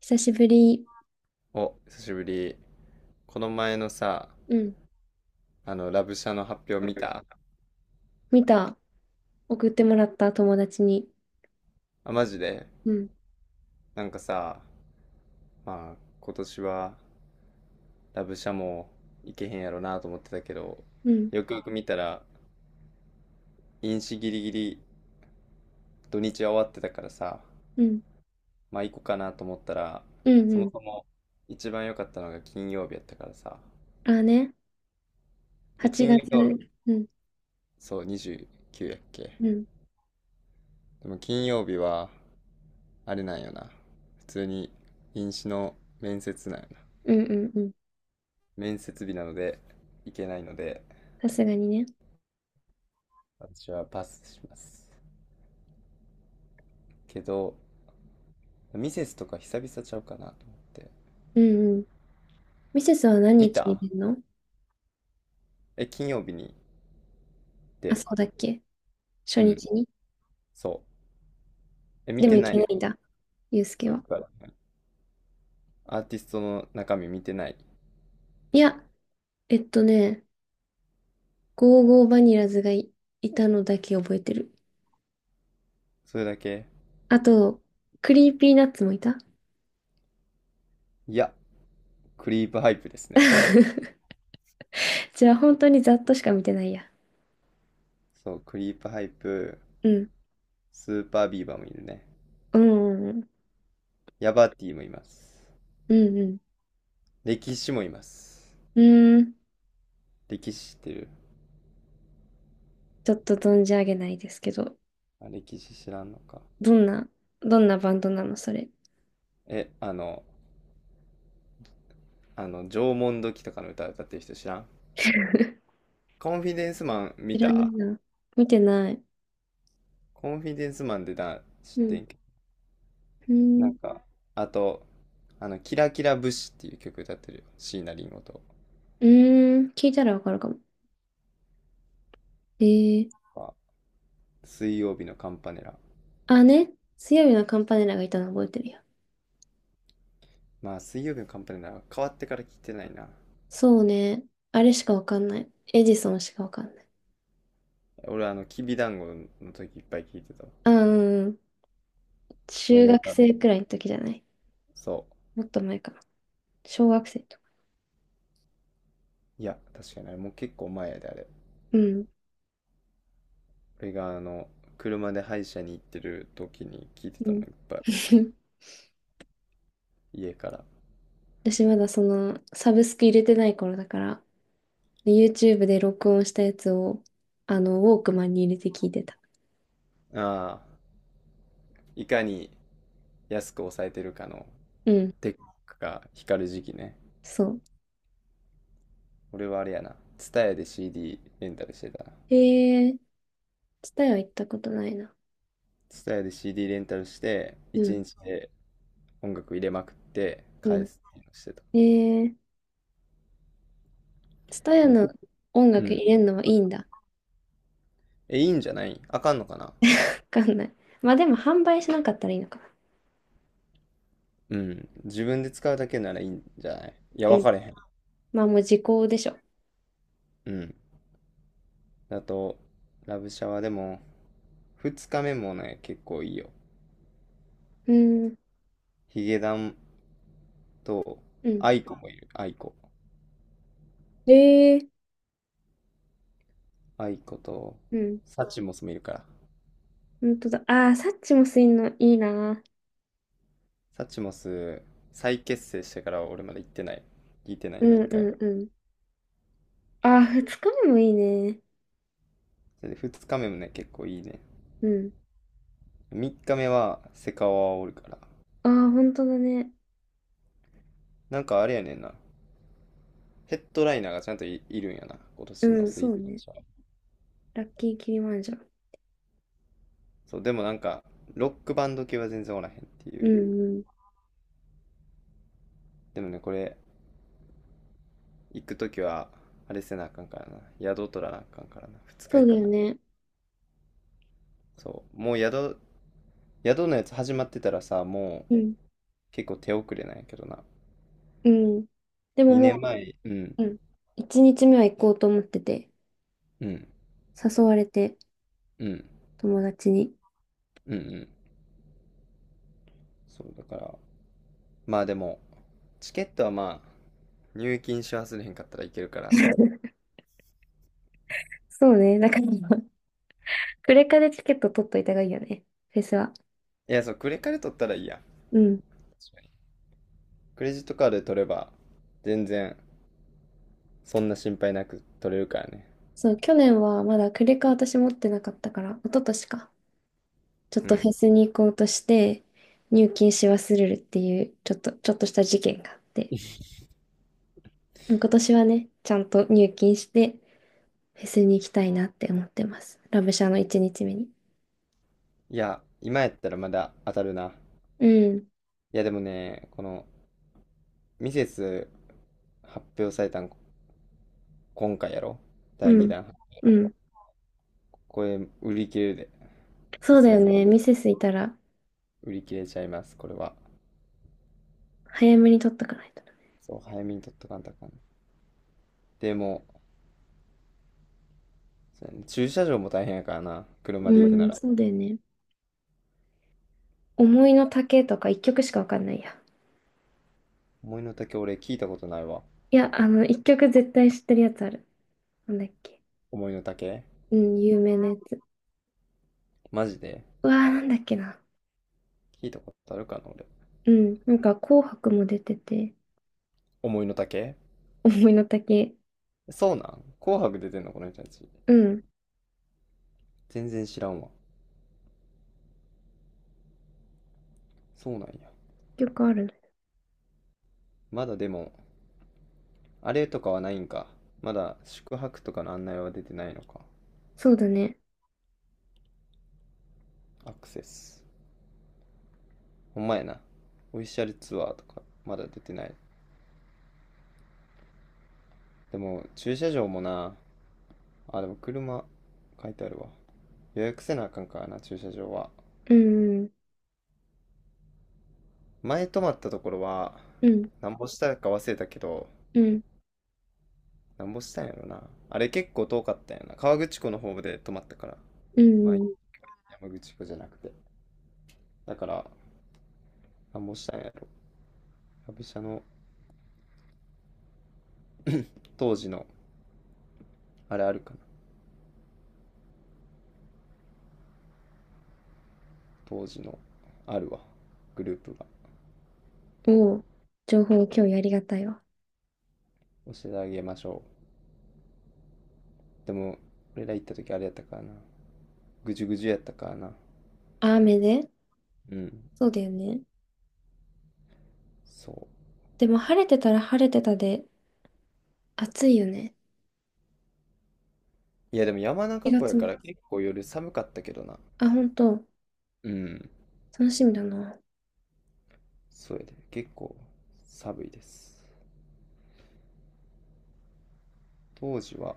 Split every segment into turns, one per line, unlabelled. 久しぶり。
お、久しぶり。この前のさ、
うん。
ラブシャの発表見た？
見た。送ってもらった、友達に。
あ、マジで。
うん。
なんかさ、まあ、今年はラブシャも行けへんやろなと思ってたけど、
うん。
よくよく見たら、飲酒ギリギリ土日は終わってたからさ、
うん。
まあ行こうかなと思ったら、
うん。
そ
う
も
ん。
そも一番良かったのが金曜日やったからさ。
ああね。
で、
8
金
月。
曜日、
うん。
そう、29やっけ。
うん。
でも金曜日は、あれなんよな。普通に飲酒の面接なんよな。
うんうんうん。
面接日なので行けないので、
さすがにね。
私はパスします。けど、ミセスとか久々ちゃうかなと思って。
うんうん。ミセスは何
見
日に
た？
出るの？
え、金曜日に出
あ、
る。
そうだっけ？初
うん、
日に？
そう。え、見
でも
て
行
な
け
い？
ないんだ。ユうスケ
そう、いっ
は。
ぱいあるアーティストの中身見てない。
いや、えっとね、ゴーゴーバニラズがいたのだけ覚えてる。
それだけ？
あと、クリーピーナッツもいた。
いや、クリープハイプですね。
じゃあ本当にざっとしか見てないや。
そう、クリープハイプ、
うん。
スーパービーバーもいるね。
うんうんうん。
ヤバティもいます。
うんうん。
歴史もいます。
うーん、
歴史知ってる？
ちょっと存じ上げないですけど、
あ、歴史知らんのか。
どんな、どんなバンドなの、それ？
え、縄文土器とかの歌歌ってる人知らん？ コンフィデンスマン
知
見
らない
た？
な。見てない。
コンフィデンスマンでな、知っ
う
て
ん。
んけど。
うー
なん
ん、
か、あと、キラキラ節っていう曲歌ってるよ。椎名林檎と
うーん、聞いたらわかるかも。えー、
か。水曜日のカンパネラ。
あ、ね。強いなカンパネラがいたの覚えてるよ。
まあ、水曜日のカンパネラは変わってから聞いてないな。
そうね。あれしかわかんない。エジソンしかわかんない。
俺、きびだんごの時いっぱい聞いてたわ。
あ、うん、うん。
桃
中学
太郎。
生くらいの時じゃない？
そ
もっと前かな。小学生とか。
う。いや、確かにあれもう結構前やで、あれ。
うん。
俺が車で歯医者に行ってる時に聞いて
う
たもん、
ん。
いっぱい。家から。
私まだその、サブスク入れてない頃だから、で YouTube で録音したやつを、あの、ウォークマンに入れて聞いてた。
ああ、いかに安く抑えてるかの
うん、
テックが光る時期ね。
そ
俺はあれやな。ツタヤで CD レンタルしてたな。
う。えー、ツタヤ行ったことないな。
ツタヤで CD レンタルして、
う
一
ん、
日で音楽入れまくって返
う
すっていうのしてた。
ん。えー、ツタヤ
うん。
の
ふ
音
う
楽入
ん。
れるのはいいんだ。わ
え、いいんじゃない？あかんのかな？
かんない。まあでも販売しなかったらいいのかな。
うん。自分で使うだけならいいんじゃない？いや、
う
わ
ん。
かれへん。
まあもう時効でしょ。
うん。だと、ラブシャワーでも、二日目もね、結構いいよ。
うん、
ヒゲダンと、
うん。
アイコもいる。アイコ。
えー、
アイコと、
うん。
サチモスもいるから。
本当だ。ああ、サッチもすいんのいいな。
サチモス、再結成してから俺まで行ってない。聞いてない、
うん
一
う
回。
んうん。ああ、二日目もいいね。
それで二日目もね、結構いいね。
うん。
三日目は、セカオワおるから。
ああ、本当だね。
なんかあれやねんな。ヘッドライナーがちゃんといるんやな。今
う
年の
ん、
スイ
そ
ート
うね。
ショー。
ラッキーキリマンジャロ。
そう、でもなんか、ロックバンド系は全然おらへんってい
う
う。
んうん。
でもね、これ、行くときは、あれせなあかんからな。宿取らなあかんからな。2日
そう
行
だ
く
よ
な。
ね。
そう。もう宿のやつ始まってたらさ、も
うん。
う結構手遅れなんやけどな。
うん。でも
2
も
年前、うん、
う、うん、一日目は行こうと思ってて、
うん、
誘われて、
うん、うん、
友達に。
うん。そう、だから、まあでも、チケットはまあ、入金し忘れへんかったらいけるから。
そうね。だから、クレカでチケット取っといた方がいいよね。フェスは。
いや、そう、クレカで取ったらいいやん。
うん。
確かにクレジットカードで取れば、全然、そんな心配なく取れるからね。
そう、去年はまだクレカ私持ってなかったから、一昨年か。ちょっ
う
と
ん。
フェスに行こうとして、入金し忘れるっていう、ちょっとした事件があって。今年はね、ちゃんと入金して、フェスに行きたいなって思ってます。ラブシャの一日目に。
いや、今やったらまだ当たるな。
うん。
いや、でもね、この、ミセス発表されたん今回やろ？
う
第
ん。
2弾発表や
う
ろ？
ん。
これ売り切れるで。さ
そう
す
だ
が
よ
に
ね。ミセスいたら、
売り切れちゃいます、これは。
早めに取っとかないとな。
そう、早めに取っとかんとあかん。でも、そうやね、駐車場も大変やからな、車で
う
行くな
ん、
ら。
そうだよね。思いの丈とか一曲しかわかんないや。
思いの丈？俺聞いたことないわ。
いや、あの、一曲絶対知ってるやつある。なんだっけ。
思いの丈？
うん、有名なやつ。
マジで
うわー、なんだっけな。
聞いたことあるかな、俺。
うん、なんか紅白も出てて、
思いの丈？
思いの丈。
そうなん？紅白出てんの、この人たち？
うん、
全然知らんわ。そうなんや。
曲あるね。
まだでも、あれとかはないんか。まだ宿泊とかの案内は出てないのか。
そうだね。
アクセス。ほんまやな。オフィシャルツアーとか、まだ出てない。でも、駐車場もな。あ、でも車、書いてあるわ。予約せなあかんからな、駐車場は。
うん、
前泊まったところは、
うん、
なんぼしたか忘れたけど、
うん、
なんぼしたんやろな。あれ結構遠かったんやな。河口湖の方で泊まったから。
う
まあ、
ん、うん。
山口湖じゃなくて。だから、なんぼしたんやろ。旅社の当時の、あれあるか？当時のあるわ、グループが。
おお、情報共有ありがたいわ。
教えてあげましょう。でも俺ら行った時あれやったからな、ぐじゅぐじゅやったからな。
あ、雨で。
うん。
そうだよね。
そう。
でも晴れてたら晴れてたで暑いよね。
いやでも山中
4
湖
月
や
末。
から結構夜寒かったけどな。
あ、本当。
うん。
楽しみだな。
そうやで、結構寒いです、当時は。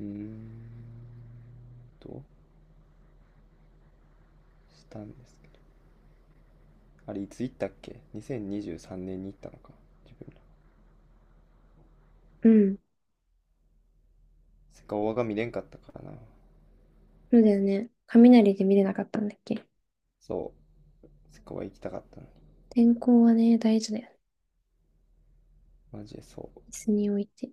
うーんとしたんですけど、あれいつ行ったっけ？ 2023 年にじゅうさんねんに行ったのか、自分ら。
うん。
セカオワが見れんかったからな。
そうだよね。雷で見れなかったんだっけ。
そう、セカオワ行きたかったのに。
天候はね、大事だよね。
マジでそう。
椅子に置いて。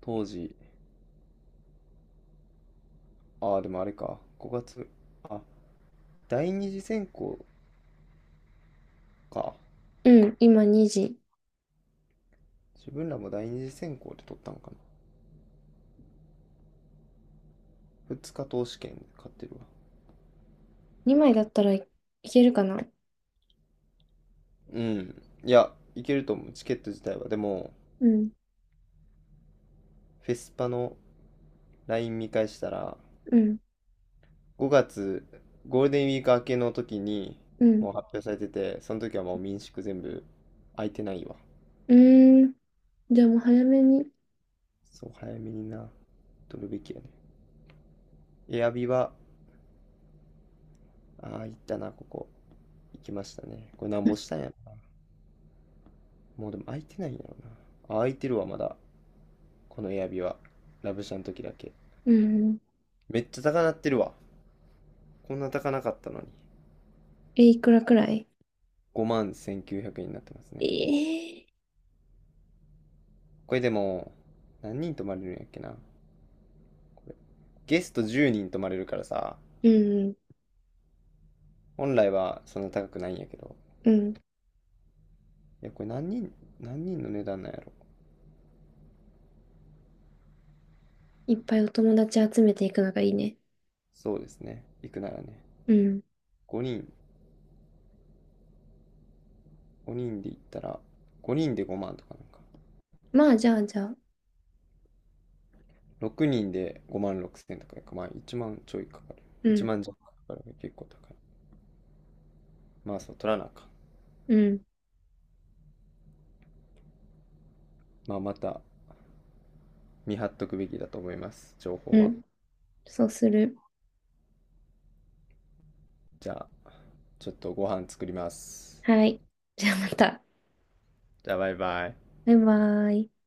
当時。ああ、でもあれか。5月。あ、第二次選考か。
うん、今2時。
自分らも第二次選考で取ったのかな。二日投資券で買ってるわ。
2枚だったらいけるかな。
うん。いや、いけると思う。チケット自体は。でも、
うん、
フェスパの LINE 見返したら、
うん、
5月、ゴールデンウィーク明けの時に、
うん。
もう発表されてて、その時はもう民宿全部空いてないわ。
うーん。じゃあもう早めに。
そう、早めにな、取るべきやね。エアビは、ああ、行ったな、ここ。行きましたね。これなんぼしたんやろ。もうでも開いてないんやろな。あ、開いてるわ、まだ。このエアビは。ラブシャの時だけ。
うん。
めっちゃ高なってるわ。こんな高なかったのに。
え、いくらくらい？
5万1900円になってますね。
ええ、
これでも、何人泊まれるんやっけな。これ。ゲスト10人泊まれるからさ、
うん、
本来はそんな高くないんやけど。
うん。
いや、これ何人の値段なんやろ。
いっぱいお友達集めていくのがいいね。
そうですね。行くならね。
うん。
5人、5人で行ったら、5人で5万とかなんか。
まあ、じゃあ。
6人で5万6千とかか、まあ1万ちょいかかる。
う
1
ん、
万弱かかるか結構高い。まあそう、取らなあかん。
うん、
まあまた見張っとくべきだと思います、情報
う
は。
ん。そうする。
じゃあ、ちょっとご飯作ります。
はい。じゃあまた。
じゃあ、バイバイ。
バイバイ。